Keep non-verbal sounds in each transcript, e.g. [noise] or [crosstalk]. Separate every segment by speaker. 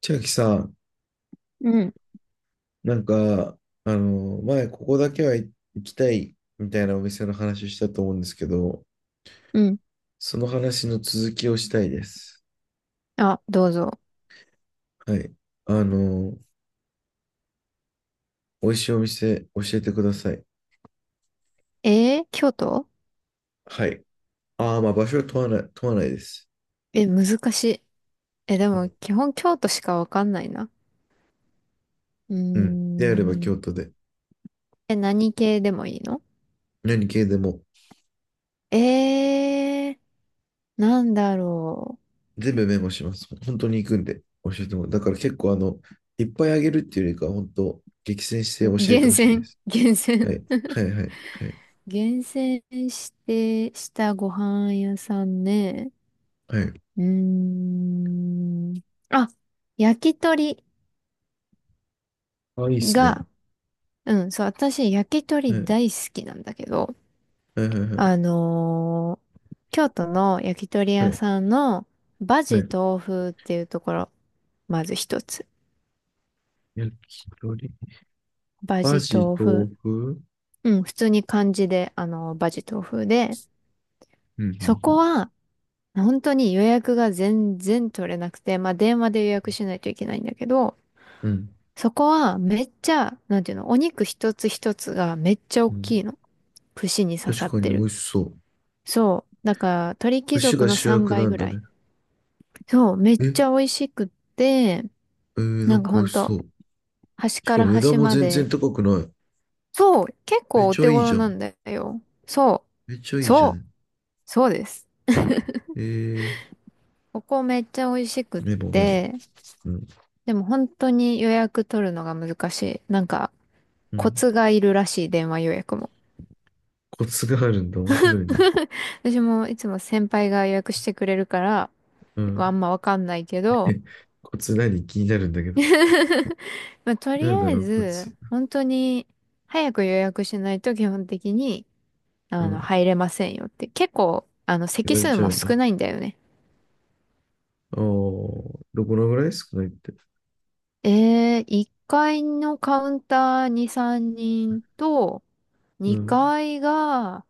Speaker 1: 千秋さん、
Speaker 2: うん、
Speaker 1: なんか、前、ここだけは行きたいみたいなお店の話したと思うんですけど、
Speaker 2: うん。
Speaker 1: その話の続きをしたいです。
Speaker 2: あ、どうぞ。
Speaker 1: はい。あの、美味しいお店教えてください。
Speaker 2: 京都。
Speaker 1: はい。ああ、まあ場所は問わないです。
Speaker 2: え、難しい。え、で
Speaker 1: う
Speaker 2: も、
Speaker 1: ん。
Speaker 2: 基本京都しかわかんないな。う
Speaker 1: うんであれば
Speaker 2: ー
Speaker 1: 京
Speaker 2: ん。
Speaker 1: 都で、
Speaker 2: え、何系でもいいの？
Speaker 1: 何系でも、
Speaker 2: えー、なんだろ
Speaker 1: 全部メモします。本当に行くんで、教えてもらう。だから結構、いっぱいあげるっていうよりかは、本当、激戦して
Speaker 2: う。
Speaker 1: 教えて
Speaker 2: 厳
Speaker 1: ほしいで
Speaker 2: 選、
Speaker 1: す。
Speaker 2: [laughs] 厳
Speaker 1: は
Speaker 2: 選。
Speaker 1: い。はい、はい、はい。
Speaker 2: 厳選して、したご飯屋さんね。
Speaker 1: はい。
Speaker 2: うーん。あ、焼き鳥
Speaker 1: あ、いいっすね。
Speaker 2: が、うん、そう、私、焼き
Speaker 1: はい、
Speaker 2: 鳥
Speaker 1: は
Speaker 2: 大好きなんだけど、
Speaker 1: い、は
Speaker 2: あ
Speaker 1: い、
Speaker 2: のー京都の焼き鳥
Speaker 1: は
Speaker 2: 屋
Speaker 1: い、
Speaker 2: さんのバ
Speaker 1: は
Speaker 2: ジ
Speaker 1: い。
Speaker 2: 豆腐っていうところ、まず一つ。
Speaker 1: 焼き鳥、
Speaker 2: バ
Speaker 1: バ
Speaker 2: ジ
Speaker 1: ジ、
Speaker 2: 豆
Speaker 1: 豆
Speaker 2: 腐。
Speaker 1: 腐。
Speaker 2: うん、普通に漢字で、バジ豆腐で、
Speaker 1: う
Speaker 2: そこ
Speaker 1: ん、
Speaker 2: は、本当に予約が全然取れなくて、まあ、電話で予約しないといけないんだけど、
Speaker 1: うん、うん。
Speaker 2: そこはめっちゃ、なんていうの、お肉一つ一つがめっちゃ大
Speaker 1: うんうん。
Speaker 2: きいの。串に刺さ
Speaker 1: 確
Speaker 2: っ
Speaker 1: かに
Speaker 2: て
Speaker 1: 美
Speaker 2: る。
Speaker 1: 味しそう。
Speaker 2: そう。だから、鳥貴
Speaker 1: 串
Speaker 2: 族
Speaker 1: が
Speaker 2: の
Speaker 1: 主
Speaker 2: 3
Speaker 1: 役
Speaker 2: 倍
Speaker 1: なん
Speaker 2: ぐ
Speaker 1: だ
Speaker 2: らい。
Speaker 1: ね。
Speaker 2: そう、めっ
Speaker 1: え、
Speaker 2: ちゃ美味しくって、
Speaker 1: な
Speaker 2: な
Speaker 1: ん
Speaker 2: んか
Speaker 1: か美
Speaker 2: ほ
Speaker 1: 味
Speaker 2: ん
Speaker 1: しそ
Speaker 2: と、
Speaker 1: う。
Speaker 2: 端
Speaker 1: し
Speaker 2: か
Speaker 1: か
Speaker 2: ら
Speaker 1: も値段
Speaker 2: 端
Speaker 1: も
Speaker 2: ま
Speaker 1: 全然
Speaker 2: で、
Speaker 1: 高くない。
Speaker 2: そう、結
Speaker 1: めっ
Speaker 2: 構お
Speaker 1: ち
Speaker 2: 手
Speaker 1: ゃいいじ
Speaker 2: 頃
Speaker 1: ゃ
Speaker 2: な
Speaker 1: ん。
Speaker 2: んだよ。そ
Speaker 1: めっちゃ
Speaker 2: う、
Speaker 1: いいじゃ
Speaker 2: そう、
Speaker 1: ん。
Speaker 2: そうです。
Speaker 1: えー、
Speaker 2: ここめっちゃ美味しくっ
Speaker 1: メモメモ。
Speaker 2: て、
Speaker 1: うん、
Speaker 2: でも本当に予約取るのが難しい。なんか、
Speaker 1: う
Speaker 2: コ
Speaker 1: ん。
Speaker 2: ツがいるらしい、電話予約も。
Speaker 1: コツがあるんだ。面白いね。
Speaker 2: [laughs] 私もいつも先輩が予約してくれるから、
Speaker 1: う
Speaker 2: まあ
Speaker 1: ん。
Speaker 2: んまわかんないけ
Speaker 1: [laughs]
Speaker 2: ど、
Speaker 1: え、コツ何気になるんだけど。
Speaker 2: [laughs] まあ、と
Speaker 1: な
Speaker 2: り
Speaker 1: んだ
Speaker 2: あえ
Speaker 1: ろう、コ
Speaker 2: ず、
Speaker 1: ツ。
Speaker 2: 本当に、早く予約しないと基本的に、
Speaker 1: うん。
Speaker 2: 入れませんよって。結構、
Speaker 1: 言
Speaker 2: 席
Speaker 1: われ
Speaker 2: 数
Speaker 1: ちゃう
Speaker 2: も
Speaker 1: んだ。
Speaker 2: 少
Speaker 1: あ
Speaker 2: ないんだよね。
Speaker 1: あ、どこのぐらい少ないって。
Speaker 2: 1階のカウンターに3人と、
Speaker 1: うん。
Speaker 2: 2階が、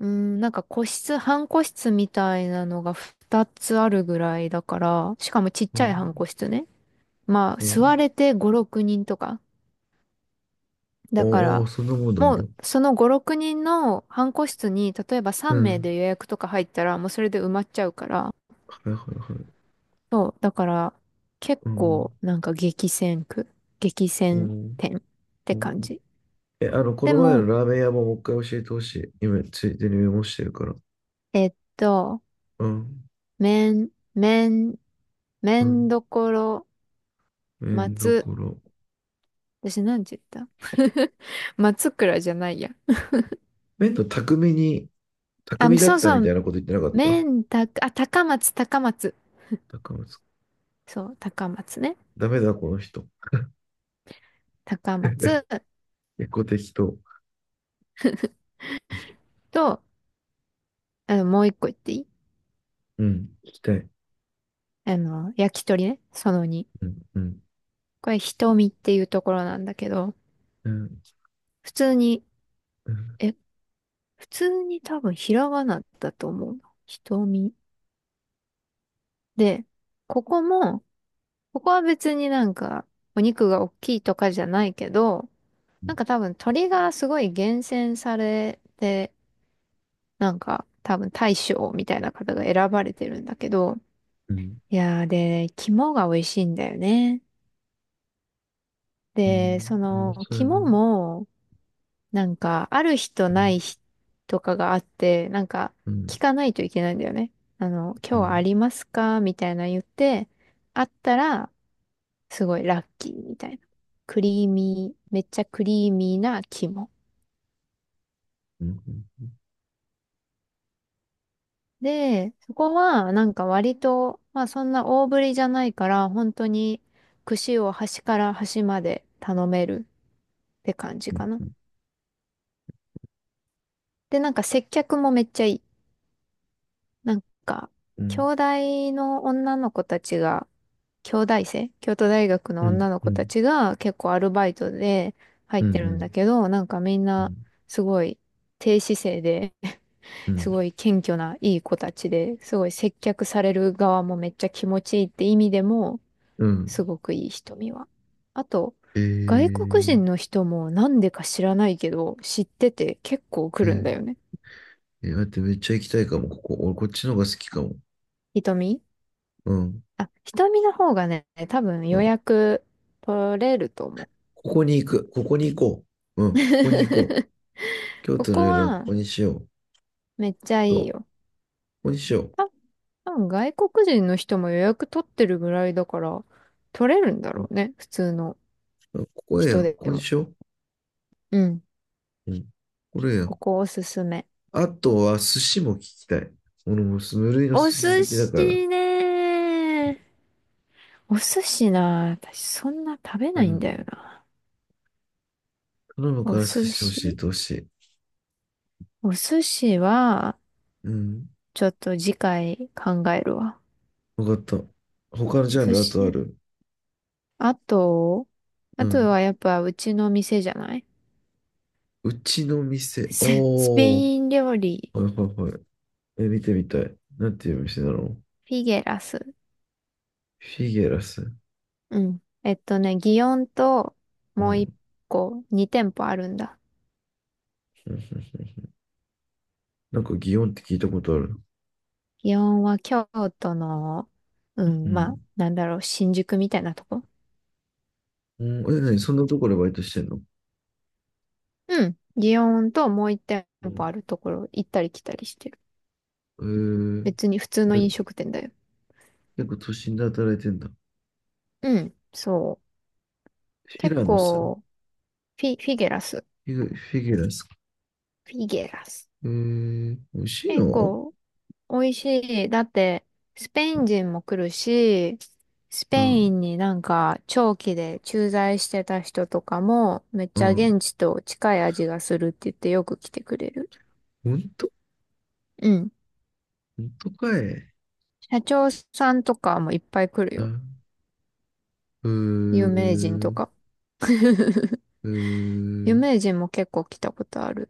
Speaker 2: うん、なんか個室、半個室みたいなのが2つあるぐらいだから、しかもちっ
Speaker 1: う
Speaker 2: ちゃい半個
Speaker 1: ん。
Speaker 2: 室ね。まあ、
Speaker 1: う
Speaker 2: 座
Speaker 1: ん。
Speaker 2: れて5、6人とか。だか
Speaker 1: おー、
Speaker 2: ら、
Speaker 1: そんなもんなん
Speaker 2: も
Speaker 1: だ。
Speaker 2: う、その5、6人の半個室に、例えば
Speaker 1: う
Speaker 2: 3名
Speaker 1: ん。
Speaker 2: で予約とか入ったら、もうそれで埋まっちゃうから、
Speaker 1: はいはいはい。
Speaker 2: そう、だから、結
Speaker 1: うん。
Speaker 2: 構、なんか激戦区、激
Speaker 1: う
Speaker 2: 戦
Speaker 1: ん。
Speaker 2: 店って
Speaker 1: うん。
Speaker 2: 感じ。
Speaker 1: え、こ
Speaker 2: で
Speaker 1: の前の
Speaker 2: も、
Speaker 1: ラーメン屋ももう一回教えてほしい。今、ついでにメモしてるから。
Speaker 2: えっと、
Speaker 1: うん。
Speaker 2: め
Speaker 1: うん。
Speaker 2: どころ、
Speaker 1: だ
Speaker 2: 松、
Speaker 1: から、
Speaker 2: 私なんて言った？ [laughs] 松倉じゃないや。
Speaker 1: 麺の匠に、
Speaker 2: あ、
Speaker 1: 匠だ
Speaker 2: そ
Speaker 1: っ
Speaker 2: う
Speaker 1: た
Speaker 2: そ
Speaker 1: みた
Speaker 2: う、
Speaker 1: いなこと言ってなかっ
Speaker 2: め
Speaker 1: た？
Speaker 2: んたあ、高松、高松。
Speaker 1: 匠です。
Speaker 2: そう、高松ね。
Speaker 1: ダメだ、この人。
Speaker 2: 高松
Speaker 1: 結構適当。
Speaker 2: と、もう一個言っていい？
Speaker 1: うん。聞きたい。
Speaker 2: 焼き鳥ね。その2。
Speaker 1: うん。うん。
Speaker 2: これ、瞳っていうところなんだけど、
Speaker 1: うん。
Speaker 2: 普通に、
Speaker 1: うん。
Speaker 2: え、普通に多分ひらがなだと思うな。瞳。で、ここも、ここは別になんかお肉が大きいとかじゃないけど、なんか多分鳥がすごい厳選されて、なんか多分大将みたいな方が選ばれてるんだけど、
Speaker 1: うん。
Speaker 2: いやー、で、肝が美味しいんだよね。
Speaker 1: う
Speaker 2: で、
Speaker 1: ん。
Speaker 2: そ
Speaker 1: 面
Speaker 2: の
Speaker 1: 白いな。
Speaker 2: 肝
Speaker 1: う
Speaker 2: もなんか、ある日とない
Speaker 1: ん。
Speaker 2: 日とかがあって、なんか、
Speaker 1: うん。
Speaker 2: 聞かないといけないんだよね。
Speaker 1: う
Speaker 2: 今日はあ
Speaker 1: ん。
Speaker 2: りますかみたいな言って、あったら、すごいラッキーみたいな。クリーミー、めっちゃクリーミーな肝。
Speaker 1: うん。
Speaker 2: で、そこは、なんか割と、まあそんな大ぶりじゃないから、本当に串を端から端まで頼めるって感じかな。で、なんか接客もめっちゃいい。なんか、
Speaker 1: う
Speaker 2: 兄
Speaker 1: ん。
Speaker 2: 弟の女の子たちが、京大生、京都大学
Speaker 1: う
Speaker 2: の女
Speaker 1: ん。
Speaker 2: の
Speaker 1: う
Speaker 2: 子た
Speaker 1: ん。
Speaker 2: ちが結構アルバイトで入
Speaker 1: う
Speaker 2: っ
Speaker 1: ん。う
Speaker 2: てるん
Speaker 1: ん。
Speaker 2: だけど、なんかみん
Speaker 1: う
Speaker 2: な
Speaker 1: ん。
Speaker 2: すごい低姿勢で、
Speaker 1: う
Speaker 2: [laughs] す
Speaker 1: ん。
Speaker 2: ごい謙虚ないい子たちで、すごい接客される側もめっちゃ気持ちいいって意味でも、
Speaker 1: うん。
Speaker 2: すごくいい瞳は。あと、
Speaker 1: え
Speaker 2: 外国
Speaker 1: ー、ね
Speaker 2: 人の人もなんでか知らないけど、知ってて結構
Speaker 1: え
Speaker 2: 来るんだ
Speaker 1: ー、
Speaker 2: よね。
Speaker 1: えー待って、めっちゃ行きたいかも、ここ。俺、こっちの方が好きかも。
Speaker 2: 瞳。
Speaker 1: うん。
Speaker 2: あ、瞳の方がね、多分
Speaker 1: う
Speaker 2: 予
Speaker 1: ん。
Speaker 2: 約取れると思う。
Speaker 1: ここに行く。ここに行こう。うん。ここに行こう。
Speaker 2: [laughs]
Speaker 1: 京
Speaker 2: こ
Speaker 1: 都の
Speaker 2: こ
Speaker 1: 夜はこ
Speaker 2: は、
Speaker 1: こにしよう。
Speaker 2: めっちゃ
Speaker 1: そう。
Speaker 2: いい
Speaker 1: こ
Speaker 2: よ。
Speaker 1: こにしよ
Speaker 2: た多分外国人の人も予約取ってるぐらいだから、取れるんだ
Speaker 1: う。う
Speaker 2: ろ
Speaker 1: ん。
Speaker 2: うね。普通の
Speaker 1: あ、ここ
Speaker 2: 人
Speaker 1: や。こ
Speaker 2: で
Speaker 1: こに
Speaker 2: も。
Speaker 1: しよ
Speaker 2: うん。
Speaker 1: う。うん。これや。
Speaker 2: ここおすすめ。
Speaker 1: あとは、寿司も聞きたい。俺も無類の寿
Speaker 2: お
Speaker 1: 司
Speaker 2: 寿
Speaker 1: 好きだから。
Speaker 2: 司ね。お寿司な、私そんな食べ
Speaker 1: う
Speaker 2: ないんだよ
Speaker 1: ん。
Speaker 2: な。
Speaker 1: 頼む
Speaker 2: お
Speaker 1: から寿
Speaker 2: 寿
Speaker 1: 司教え
Speaker 2: 司。
Speaker 1: てほしい。
Speaker 2: お寿司は、
Speaker 1: うん。
Speaker 2: ちょっと次回考えるわ。
Speaker 1: わかった。他のジ
Speaker 2: お
Speaker 1: ャン
Speaker 2: 寿
Speaker 1: ルあとあ
Speaker 2: 司。
Speaker 1: る？
Speaker 2: あと、
Speaker 1: う
Speaker 2: あと
Speaker 1: ん。
Speaker 2: はやっぱうちの店じゃない？
Speaker 1: うちの
Speaker 2: [laughs]
Speaker 1: 店。
Speaker 2: ススペ
Speaker 1: おー。
Speaker 2: イン料理、
Speaker 1: はいはいはい。え、見てみたい。なんていう店なの？
Speaker 2: フィゲラス。
Speaker 1: フィゲラス。
Speaker 2: うん。祇園と
Speaker 1: う
Speaker 2: もう一
Speaker 1: ん。
Speaker 2: 個、二店舗あるんだ。
Speaker 1: [laughs] うん、うん、うん。なんか祇園って聞いたことある。
Speaker 2: 祇園は京都の、う
Speaker 1: う
Speaker 2: ん、まあ、
Speaker 1: ん。
Speaker 2: なんだろう、新宿みたいなとこ。
Speaker 1: うん。え、何そんなところでバイトしてんの？
Speaker 2: うん。祇園ともう一店
Speaker 1: う
Speaker 2: 舗
Speaker 1: ん。
Speaker 2: あるところ行ったり来たりしてる。
Speaker 1: えー、
Speaker 2: 別に普通の飲
Speaker 1: 何
Speaker 2: 食店だよ。
Speaker 1: 結構都心で働いてんだ。
Speaker 2: うん、そう。
Speaker 1: フィ
Speaker 2: 結
Speaker 1: ラノスフ
Speaker 2: 構、フィゲラス。
Speaker 1: ィグ、フィギュラスか。
Speaker 2: フィゲラス。
Speaker 1: 美味しい
Speaker 2: 結
Speaker 1: の？
Speaker 2: 構、美味しい。だって、スペイン人も来るし、スペ
Speaker 1: う
Speaker 2: イ
Speaker 1: ん、
Speaker 2: ンになんか長期で駐在してた人とかも、めっ
Speaker 1: う
Speaker 2: ちゃ
Speaker 1: ん。
Speaker 2: 現地と近い味がするって言ってよく来てくれる。
Speaker 1: ほんと。
Speaker 2: うん。
Speaker 1: ほんとかい。
Speaker 2: 社長さんとかもいっぱい来る
Speaker 1: う
Speaker 2: よ。
Speaker 1: ん。うー
Speaker 2: 有名人と
Speaker 1: ん、
Speaker 2: か。[laughs]
Speaker 1: うー
Speaker 2: 有
Speaker 1: ん、
Speaker 2: 名人も結構来たことある。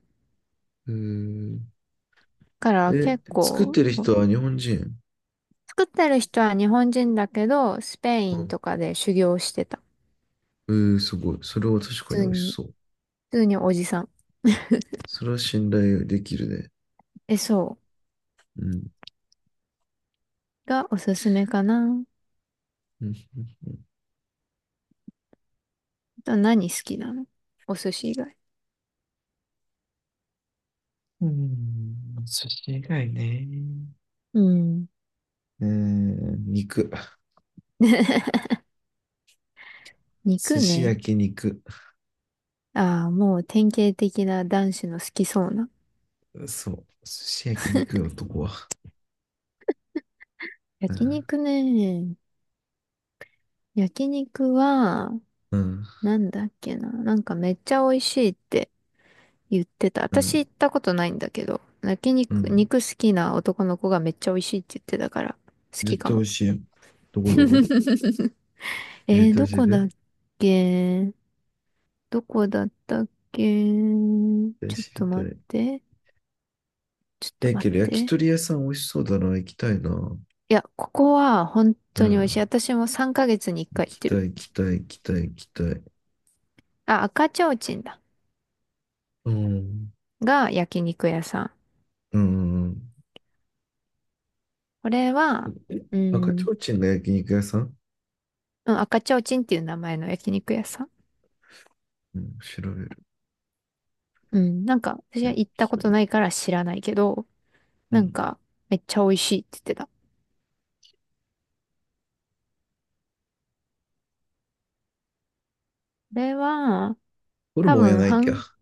Speaker 1: うーん。
Speaker 2: から
Speaker 1: え、
Speaker 2: 結
Speaker 1: 作っ
Speaker 2: 構、
Speaker 1: てる人は日本人。
Speaker 2: 作ってる人は日本人だけど、スペイ
Speaker 1: う
Speaker 2: ン
Speaker 1: ん。
Speaker 2: とかで修行してた。
Speaker 1: えー、すごい。それは確
Speaker 2: 普
Speaker 1: かに
Speaker 2: 通
Speaker 1: 美味し
Speaker 2: に、
Speaker 1: そう。
Speaker 2: 普通におじさん。
Speaker 1: それは信頼できるね。
Speaker 2: え、そ
Speaker 1: うん。
Speaker 2: う。がおすすめかな。
Speaker 1: うん、
Speaker 2: と何好きなの？お寿司以外。
Speaker 1: うん、うん。寿司以外ね。
Speaker 2: うん。
Speaker 1: うん。肉。
Speaker 2: [laughs]
Speaker 1: 寿
Speaker 2: 肉
Speaker 1: 司焼
Speaker 2: ね。
Speaker 1: 肉。
Speaker 2: ああ、もう典型的な男子の好きそうな。
Speaker 1: そう。寿司焼肉よ、男は。う
Speaker 2: 焼
Speaker 1: ん。
Speaker 2: 肉ね。焼肉は、なんだっけな。なんかめっちゃ美味しいって言ってた。
Speaker 1: う
Speaker 2: 私
Speaker 1: ん。
Speaker 2: 行ったことないんだけど、焼
Speaker 1: う
Speaker 2: 肉、
Speaker 1: ん。
Speaker 2: 肉好きな男の子がめっちゃ美味しいって言ってたから、好き
Speaker 1: 絶
Speaker 2: か
Speaker 1: 対美
Speaker 2: も。
Speaker 1: 味しいよ。どこどこ、
Speaker 2: [laughs]
Speaker 1: 絶対
Speaker 2: ど
Speaker 1: 教え
Speaker 2: こ
Speaker 1: て。
Speaker 2: だっ
Speaker 1: 絶
Speaker 2: け？どこだったっけ？
Speaker 1: 対
Speaker 2: ちょっ
Speaker 1: 知り
Speaker 2: と
Speaker 1: た
Speaker 2: 待
Speaker 1: い。
Speaker 2: って。ちょっと
Speaker 1: え、
Speaker 2: 待
Speaker 1: け
Speaker 2: っ
Speaker 1: ど焼き
Speaker 2: て。
Speaker 1: 鳥屋さん美味しそうだな。行きたいな。
Speaker 2: いや、ここは本
Speaker 1: う
Speaker 2: 当に美味しい。
Speaker 1: ん。
Speaker 2: 私も3ヶ月に1
Speaker 1: 行
Speaker 2: 回行っ
Speaker 1: き
Speaker 2: て
Speaker 1: た
Speaker 2: る。
Speaker 1: い、行きたい、行きたい、行きたい。
Speaker 2: あ、赤ちょうちんだ。
Speaker 1: うん。
Speaker 2: が焼肉屋さん。
Speaker 1: うん。
Speaker 2: これは、う
Speaker 1: 赤ち
Speaker 2: ん、
Speaker 1: ょうちんが焼肉屋さん？
Speaker 2: うん、赤ちょうちんっていう名前の焼肉屋さん。
Speaker 1: うん、調べる。
Speaker 2: うん、なんか私は
Speaker 1: 焼
Speaker 2: 行ったこと
Speaker 1: 肉。
Speaker 2: ないから知らないけど、
Speaker 1: う
Speaker 2: なん
Speaker 1: ん。
Speaker 2: かめっちゃ美味しいって言ってた。これは、
Speaker 1: ホル
Speaker 2: 多
Speaker 1: モンや
Speaker 2: 分、
Speaker 1: ないか。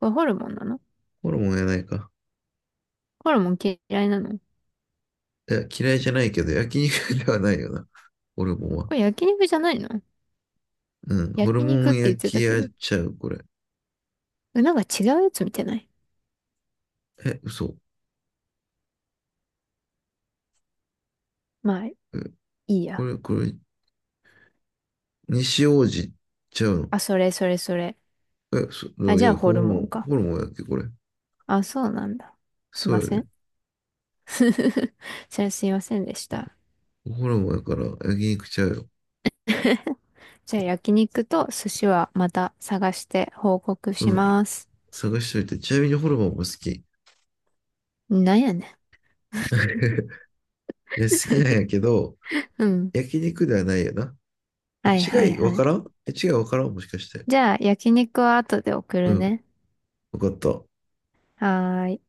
Speaker 2: これホルモンなの？
Speaker 1: ホルモンやないか。
Speaker 2: ホルモン嫌いなの？
Speaker 1: いや、嫌いじゃないけど、焼肉ではないよな。ホルモンは。
Speaker 2: これ焼肉じゃないの？
Speaker 1: うん。ホル
Speaker 2: 焼
Speaker 1: モ
Speaker 2: 肉っ
Speaker 1: ン
Speaker 2: て言っ
Speaker 1: 焼
Speaker 2: て
Speaker 1: き
Speaker 2: たけ
Speaker 1: やっ
Speaker 2: ど。
Speaker 1: ちゃう、これ。
Speaker 2: え、なんか違うやつ見てない？
Speaker 1: え、嘘。
Speaker 2: まあ、い
Speaker 1: え、
Speaker 2: い
Speaker 1: こ
Speaker 2: や。
Speaker 1: れ、これ、西王子ちゃう
Speaker 2: あ、それそれそれ。
Speaker 1: の？え、
Speaker 2: あ、
Speaker 1: い
Speaker 2: じゃ
Speaker 1: や、
Speaker 2: あホルモンか。
Speaker 1: ホルモンやっけ、これ。
Speaker 2: あ、そうなんだ。すい
Speaker 1: そう
Speaker 2: ま
Speaker 1: や
Speaker 2: せ
Speaker 1: で、
Speaker 2: ん。[laughs] じゃあすいませんでした。
Speaker 1: ホルモンやから、焼肉ちゃうよ。
Speaker 2: [laughs] じゃあ焼肉と寿司はまた探して報告
Speaker 1: う
Speaker 2: し
Speaker 1: ん。
Speaker 2: ます。
Speaker 1: 探しといて。ちなみにホルモンも好き。[laughs] い
Speaker 2: なんやね
Speaker 1: や、好きなんやけど、
Speaker 2: ん。うん。
Speaker 1: 焼肉ではないよな。え、
Speaker 2: はいはい
Speaker 1: 違いわ
Speaker 2: は
Speaker 1: か
Speaker 2: い。
Speaker 1: らん。え、違いわからん、もしかして？
Speaker 2: じゃあ焼肉は後で送
Speaker 1: う
Speaker 2: る
Speaker 1: ん。
Speaker 2: ね。
Speaker 1: わかった。
Speaker 2: はーい。